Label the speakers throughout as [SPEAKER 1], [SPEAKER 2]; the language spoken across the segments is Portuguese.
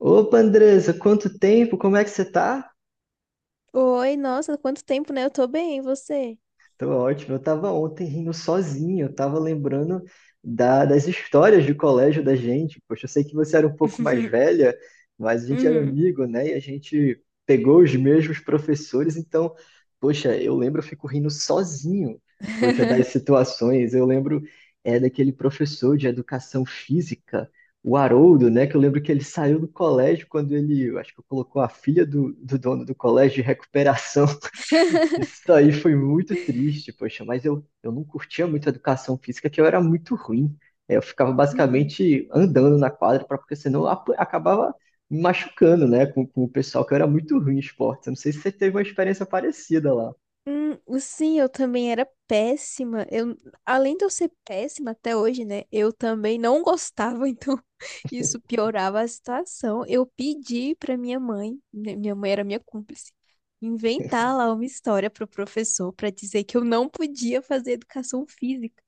[SPEAKER 1] Opa, Andressa, quanto tempo? Como é que você tá?
[SPEAKER 2] Oi, nossa, quanto tempo, né? Eu tô bem, e você?
[SPEAKER 1] Tô ótimo. Eu tava ontem rindo sozinho, eu tava lembrando das histórias do colégio da gente. Poxa, eu sei que você era um pouco mais velha, mas a gente era
[SPEAKER 2] Uhum.
[SPEAKER 1] amigo, né? E a gente pegou os mesmos professores, então, poxa, eu lembro, eu fico rindo sozinho, poxa, das situações. Eu lembro é daquele professor de educação física, o Haroldo, né? Que eu lembro que ele saiu do colégio quando ele, eu acho que colocou a filha do dono do colégio de recuperação. Isso aí foi muito triste, poxa, mas eu não curtia muito a educação física, que eu era muito ruim. É, eu ficava
[SPEAKER 2] Uhum.
[SPEAKER 1] basicamente andando na quadra, pra, porque senão eu acabava me machucando, né, com o pessoal, que eu era muito ruim em esporte. Eu não sei se você teve uma experiência parecida lá.
[SPEAKER 2] Sim, eu também era péssima. Além de eu ser péssima até hoje, né? Eu também não gostava, então isso piorava a situação. Eu pedi pra minha mãe, né, minha mãe era minha cúmplice, inventar lá uma história pro professor pra dizer que eu não podia fazer educação física.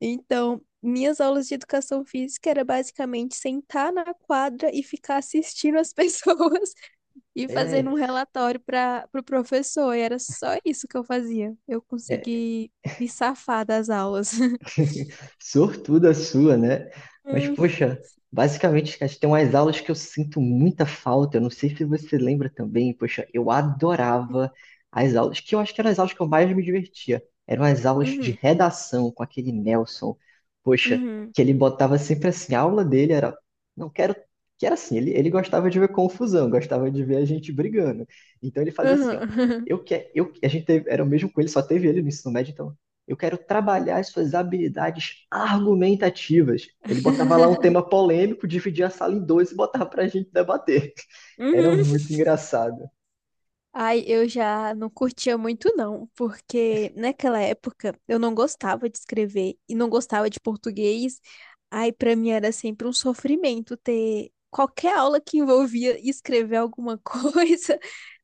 [SPEAKER 2] Então, minhas aulas de educação física era basicamente sentar na quadra e ficar assistindo as pessoas e fazendo
[SPEAKER 1] É.
[SPEAKER 2] um relatório para o pro professor. E era só isso que eu fazia. Eu consegui me safar das aulas.
[SPEAKER 1] Sortuda sua, né? Mas,
[SPEAKER 2] Hum,
[SPEAKER 1] poxa, basicamente, cara, tem umas aulas que eu sinto muita falta. Eu não sei se você lembra também. Poxa, eu adorava as aulas, que eu acho que eram as aulas que eu mais me divertia. Eram as aulas de
[SPEAKER 2] uhum,
[SPEAKER 1] redação com aquele Nelson. Poxa,
[SPEAKER 2] uhum,
[SPEAKER 1] que ele botava sempre assim, a aula dele era. Não quero. Que era assim, ele gostava de ver confusão, gostava de ver a gente brigando. Então ele fazia assim, ó.
[SPEAKER 2] uhum,
[SPEAKER 1] Eu que, eu, a gente teve, era o mesmo com ele, só teve ele no ensino médio, então eu quero trabalhar as suas habilidades argumentativas. Ele botava lá um tema polêmico, dividia a sala em dois e botava para a gente debater. Era
[SPEAKER 2] uhum.
[SPEAKER 1] muito engraçado.
[SPEAKER 2] Ai, eu já não curtia muito não, porque naquela época eu não gostava de escrever e não gostava de português. Ai, pra mim era sempre um sofrimento ter qualquer aula que envolvia escrever alguma coisa,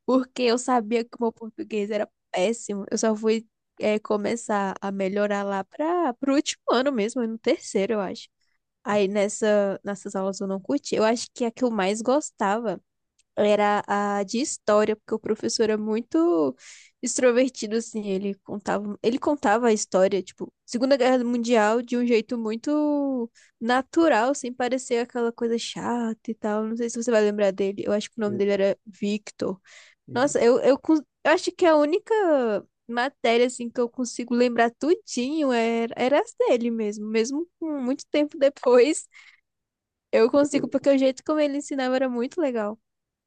[SPEAKER 2] porque eu sabia que o meu português era péssimo. Eu só fui começar a melhorar lá para pro último ano mesmo, no terceiro, eu acho. Nessas aulas eu não curti. Eu acho que a que eu mais gostava era a de história, porque o professor é muito extrovertido, assim, ele contava a história, tipo, Segunda Guerra Mundial de um jeito muito natural, sem parecer aquela coisa chata e tal. Não sei se você vai lembrar dele. Eu acho que o nome dele era Victor. Nossa, eu acho que a única matéria, assim, que eu consigo lembrar tudinho era as dele mesmo. Mesmo com muito tempo depois, eu consigo, porque o jeito como ele ensinava era muito legal.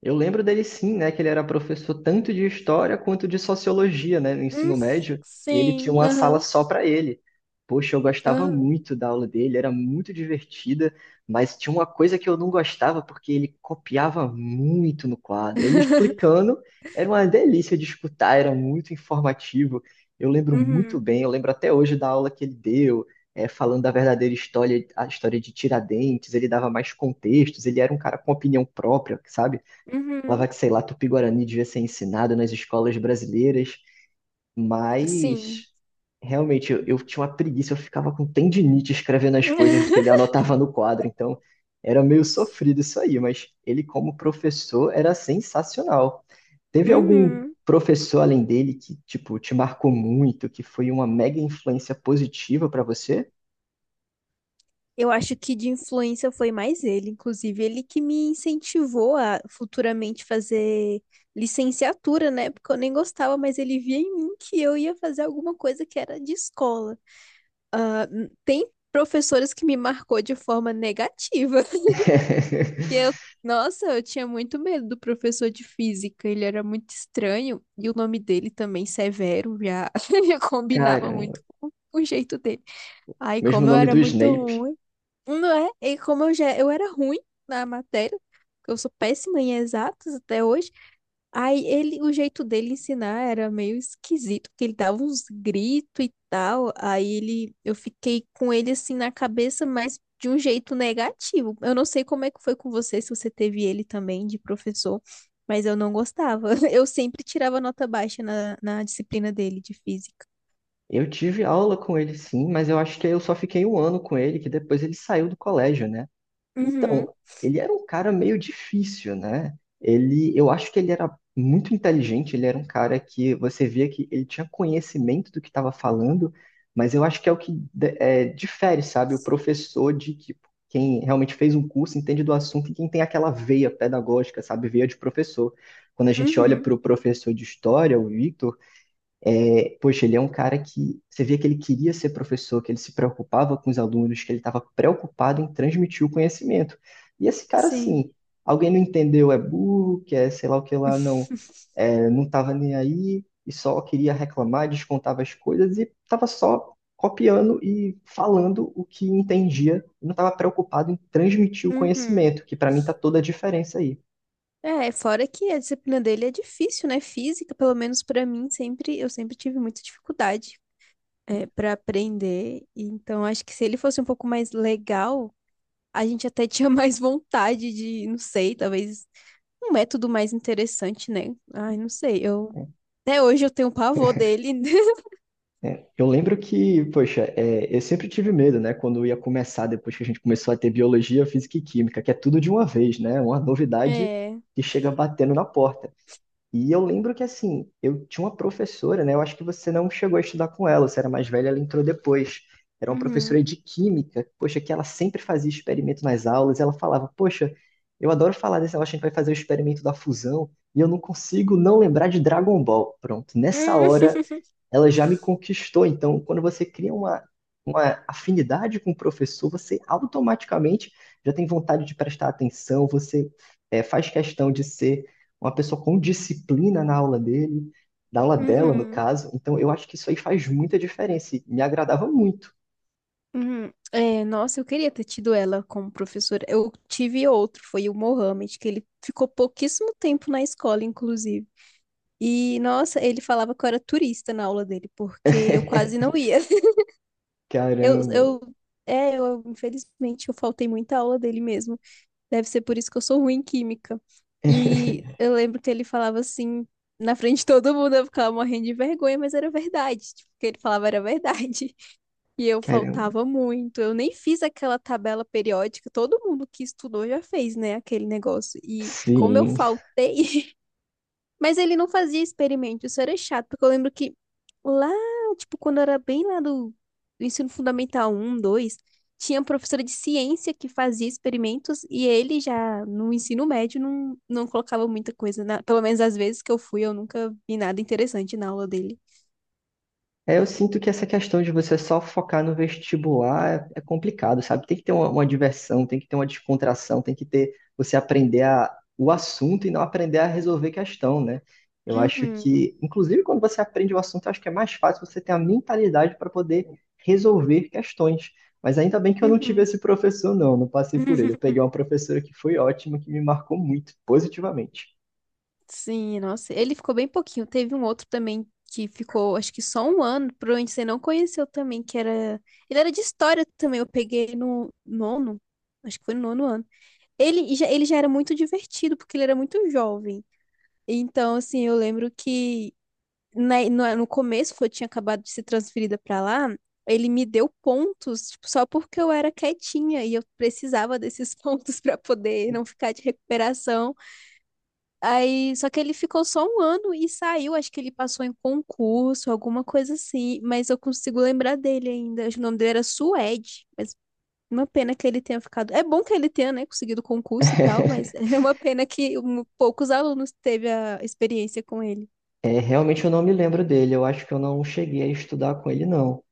[SPEAKER 1] Eu lembro dele sim, né, que ele era professor tanto de história quanto de sociologia, né, no
[SPEAKER 2] Hum,
[SPEAKER 1] ensino médio, e ele tinha
[SPEAKER 2] sim,
[SPEAKER 1] uma sala
[SPEAKER 2] aham,
[SPEAKER 1] só para ele. Poxa, eu gostava
[SPEAKER 2] aham.
[SPEAKER 1] muito da aula dele, era muito divertida, mas tinha uma coisa que eu não gostava porque ele copiava muito no quadro. Ele explicando, era uma delícia de escutar, era muito informativo. Eu lembro muito
[SPEAKER 2] Uhum,
[SPEAKER 1] bem, eu lembro até hoje da aula que ele deu, falando da verdadeira história, a história de Tiradentes, ele dava mais contextos, ele era um cara com opinião própria, sabe?
[SPEAKER 2] uhum,
[SPEAKER 1] Falava que, sei lá, Tupi-Guarani devia ser ensinado nas escolas brasileiras,
[SPEAKER 2] sim.
[SPEAKER 1] mas realmente eu tinha uma preguiça, eu ficava com tendinite escrevendo as coisas do que ele anotava no quadro, então era meio sofrido isso aí, mas ele, como professor, era sensacional. Teve algum
[SPEAKER 2] Uhum.
[SPEAKER 1] professor além dele que, tipo, te marcou muito, que foi uma mega influência positiva pra você?
[SPEAKER 2] Eu acho que de influência foi mais ele, inclusive ele que me incentivou a futuramente fazer licenciatura, né? Porque eu nem gostava, mas ele via em mim que eu ia fazer alguma coisa que era de escola. Tem professores que me marcou de forma negativa. E eu, nossa, eu tinha muito medo do professor de física, ele era muito estranho, e o nome dele também, Severo, já, já
[SPEAKER 1] Cara,
[SPEAKER 2] combinava muito com o jeito dele. Ai,
[SPEAKER 1] mesmo
[SPEAKER 2] como eu
[SPEAKER 1] nome
[SPEAKER 2] era
[SPEAKER 1] do
[SPEAKER 2] muito
[SPEAKER 1] Snape.
[SPEAKER 2] ruim, não é? E como eu era ruim na matéria, porque eu sou péssima em exatas até hoje. O jeito dele ensinar era meio esquisito, porque ele dava uns gritos e tal. Eu fiquei com ele assim na cabeça, mas de um jeito negativo. Eu não sei como é que foi com você, se você teve ele também de professor, mas eu não gostava. Eu sempre tirava nota baixa na disciplina dele de física.
[SPEAKER 1] Eu tive aula com ele sim, mas eu acho que eu só fiquei um ano com ele, que depois ele saiu do colégio, né?
[SPEAKER 2] Uhum,
[SPEAKER 1] Então, ele era um cara meio difícil, né? Ele, eu acho que ele era muito inteligente, ele era um cara que você via que ele tinha conhecimento do que estava falando, mas eu acho que é o que difere, sabe? O professor de que quem realmente fez um curso entende do assunto e quem tem aquela veia pedagógica, sabe? Veia de professor. Quando a gente olha
[SPEAKER 2] uhum,
[SPEAKER 1] para o professor de história, o Victor poxa, ele é um cara que você via que ele queria ser professor, que ele se preocupava com os alunos, que ele estava preocupado em transmitir o conhecimento. E esse cara,
[SPEAKER 2] sim.
[SPEAKER 1] assim, alguém não entendeu, é burro, que é sei lá o que lá, não, não estava nem aí e só queria reclamar, descontava as coisas e estava só copiando e falando o que entendia, não estava preocupado em transmitir o
[SPEAKER 2] Uhum.
[SPEAKER 1] conhecimento, que para mim está toda a diferença aí.
[SPEAKER 2] É, fora que a disciplina dele é difícil, né? Física, pelo menos pra mim, sempre tive muita dificuldade. É, para aprender. Então, acho que se ele fosse um pouco mais legal, a gente até tinha mais vontade de, não sei, talvez um método mais interessante, né? Ai, não sei. Eu até hoje eu tenho pavor dele.
[SPEAKER 1] É, eu lembro que, poxa, é, eu sempre tive medo, né? Quando eu ia começar, depois que a gente começou a ter biologia, física e química, que é tudo de uma vez, né? Uma novidade
[SPEAKER 2] É.
[SPEAKER 1] que chega batendo na porta. E eu lembro que, assim, eu tinha uma professora, né? Eu acho que você não chegou a estudar com ela, você era mais velha, ela entrou depois. Era uma
[SPEAKER 2] Uhum.
[SPEAKER 1] professora de química, poxa, que ela sempre fazia experimento nas aulas. Ela falava, poxa, eu adoro falar desse negócio, a gente vai fazer o experimento da fusão, e eu não consigo não lembrar de Dragon Ball. Pronto, nessa hora
[SPEAKER 2] Uhum.
[SPEAKER 1] ela já me conquistou. Então, quando você cria uma afinidade com o professor, você automaticamente já tem vontade de prestar atenção, você faz questão de ser uma pessoa com disciplina na aula dele, na aula dela, no
[SPEAKER 2] Uhum.
[SPEAKER 1] caso. Então, eu acho que isso aí faz muita diferença e me agradava muito.
[SPEAKER 2] Uhum. É, nossa, eu queria ter tido ela como professora. Eu tive outro, foi o Mohamed, que ele ficou pouquíssimo tempo na escola, inclusive. E, nossa, ele falava que eu era turista na aula dele, porque eu quase não ia. Eu,
[SPEAKER 1] Caramba,
[SPEAKER 2] eu, infelizmente, eu faltei muita aula dele mesmo. Deve ser por isso que eu sou ruim em química. E eu lembro que ele falava assim, na frente de todo mundo, eu ficava morrendo de vergonha, mas era verdade. Tipo, o que ele falava era verdade. E eu
[SPEAKER 1] caramba.
[SPEAKER 2] faltava muito. Eu nem fiz aquela tabela periódica. Todo mundo que estudou já fez, né, aquele negócio. E como eu
[SPEAKER 1] Sim.
[SPEAKER 2] faltei, mas ele não fazia experimento, isso era chato, porque eu lembro que lá, tipo, quando eu era bem lá do ensino fundamental um 2 tinha professora de ciência que fazia experimentos e ele já no ensino médio não colocava muita coisa, na, pelo menos às vezes que eu fui, eu nunca vi nada interessante na aula dele.
[SPEAKER 1] É, eu sinto que essa questão de você só focar no vestibular é, é complicado, sabe? Tem que ter uma diversão, tem que ter uma descontração, tem que ter você aprender a, o assunto e não aprender a resolver questão, né? Eu acho
[SPEAKER 2] Uhum,
[SPEAKER 1] que, inclusive, quando você aprende o assunto, eu acho que é mais fácil você ter a mentalidade para poder resolver questões. Mas ainda bem que eu não tive
[SPEAKER 2] uhum.
[SPEAKER 1] esse professor, não, não passei por ele. Eu peguei uma professora que foi ótima, que me marcou muito, positivamente.
[SPEAKER 2] Sim, nossa, ele ficou bem pouquinho. Teve um outro também que ficou, acho que só um ano, provavelmente você não conheceu também, que era. Ele era de história também, eu peguei no nono, acho que foi no nono ano. Ele já era muito divertido, porque ele era muito jovem. Então, assim, eu lembro que no começo, quando eu tinha acabado de ser transferida pra lá, ele me deu pontos, tipo, só porque eu era quietinha e eu precisava desses pontos pra poder não ficar de recuperação. Aí, só que ele ficou só um ano e saiu. Acho que ele passou em concurso, alguma coisa assim. Mas eu consigo lembrar dele ainda. Acho que o nome dele era Suede. Mas uma pena que ele tenha ficado. É bom que ele tenha, né, conseguido concurso e tal. Mas é uma pena que poucos alunos teve a experiência com ele.
[SPEAKER 1] É, realmente eu não me lembro dele. Eu acho que eu não cheguei a estudar com ele, não.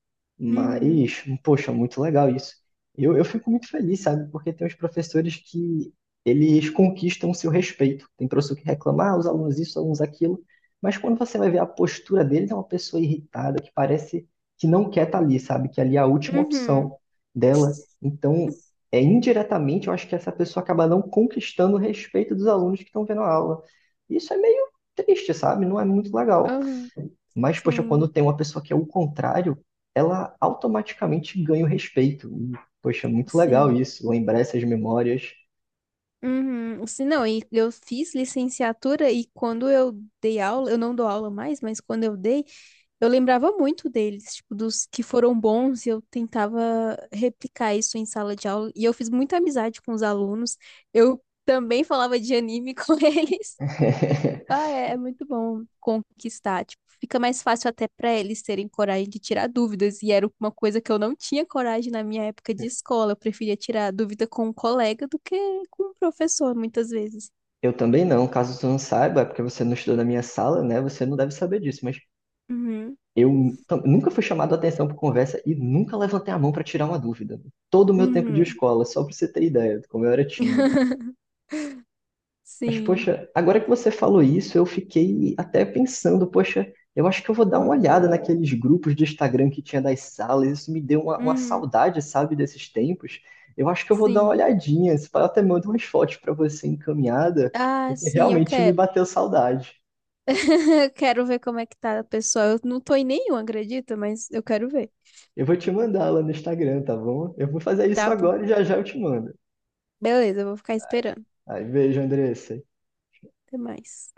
[SPEAKER 2] Uhum.
[SPEAKER 1] Mas, poxa, muito legal isso. Eu fico muito feliz, sabe? Porque tem uns professores que eles conquistam o seu respeito. Tem professor que reclama, ah, os alunos isso, os alunos aquilo. Mas quando você vai ver a postura deles, é uma pessoa irritada, que parece que não quer estar ali, sabe? Que ali é a última
[SPEAKER 2] Uhum.
[SPEAKER 1] opção dela. Então, indiretamente, eu acho que essa pessoa acaba não conquistando o respeito dos alunos que estão vendo a aula. Isso é meio triste, sabe? Não é muito legal.
[SPEAKER 2] Uhum.
[SPEAKER 1] Mas, poxa, quando
[SPEAKER 2] Sim.
[SPEAKER 1] tem uma pessoa que é o contrário, ela automaticamente ganha o respeito. E, poxa, muito legal
[SPEAKER 2] Sim.
[SPEAKER 1] isso, lembrar essas memórias.
[SPEAKER 2] Uhum. Sim, não, e eu fiz licenciatura e quando eu dei aula, eu não dou aula mais, mas quando eu dei. Eu lembrava muito deles, tipo, dos que foram bons, e eu tentava replicar isso em sala de aula. E eu fiz muita amizade com os alunos. Eu também falava de anime com eles. Ah, é, é muito bom conquistar. Tipo, fica mais fácil até para eles terem coragem de tirar dúvidas. E era uma coisa que eu não tinha coragem na minha época de escola. Eu preferia tirar dúvida com um colega do que com um professor, muitas vezes.
[SPEAKER 1] Eu também não, caso tu não saiba, é porque você não estudou na minha sala, né? Você não deve saber disso, mas
[SPEAKER 2] Uhum,
[SPEAKER 1] eu nunca fui chamado a atenção por conversa e nunca levantei a mão para tirar uma dúvida. Todo o meu tempo de
[SPEAKER 2] uhum.
[SPEAKER 1] escola, só para você ter ideia de como eu era tímido. Mas,
[SPEAKER 2] Sim,
[SPEAKER 1] poxa, agora que você falou isso, eu fiquei até pensando, poxa, eu acho que eu vou dar uma olhada naqueles grupos de Instagram que tinha das salas, isso me deu uma
[SPEAKER 2] uhum,
[SPEAKER 1] saudade, sabe, desses tempos. Eu acho que eu vou dar uma
[SPEAKER 2] sim.
[SPEAKER 1] olhadinha, se pá, eu até mando umas fotos para você encaminhada,
[SPEAKER 2] Ah,
[SPEAKER 1] porque
[SPEAKER 2] sim, eu
[SPEAKER 1] realmente me
[SPEAKER 2] quero.
[SPEAKER 1] bateu saudade.
[SPEAKER 2] Eu quero ver como é que tá, pessoal. Eu não tô em nenhum, acredita? Mas eu quero ver.
[SPEAKER 1] Eu vou te mandar lá no Instagram, tá bom? Eu vou fazer isso
[SPEAKER 2] Tá bom.
[SPEAKER 1] agora e já já eu te mando.
[SPEAKER 2] Beleza, eu vou ficar esperando.
[SPEAKER 1] Aí, beijo, Andressa.
[SPEAKER 2] Até mais.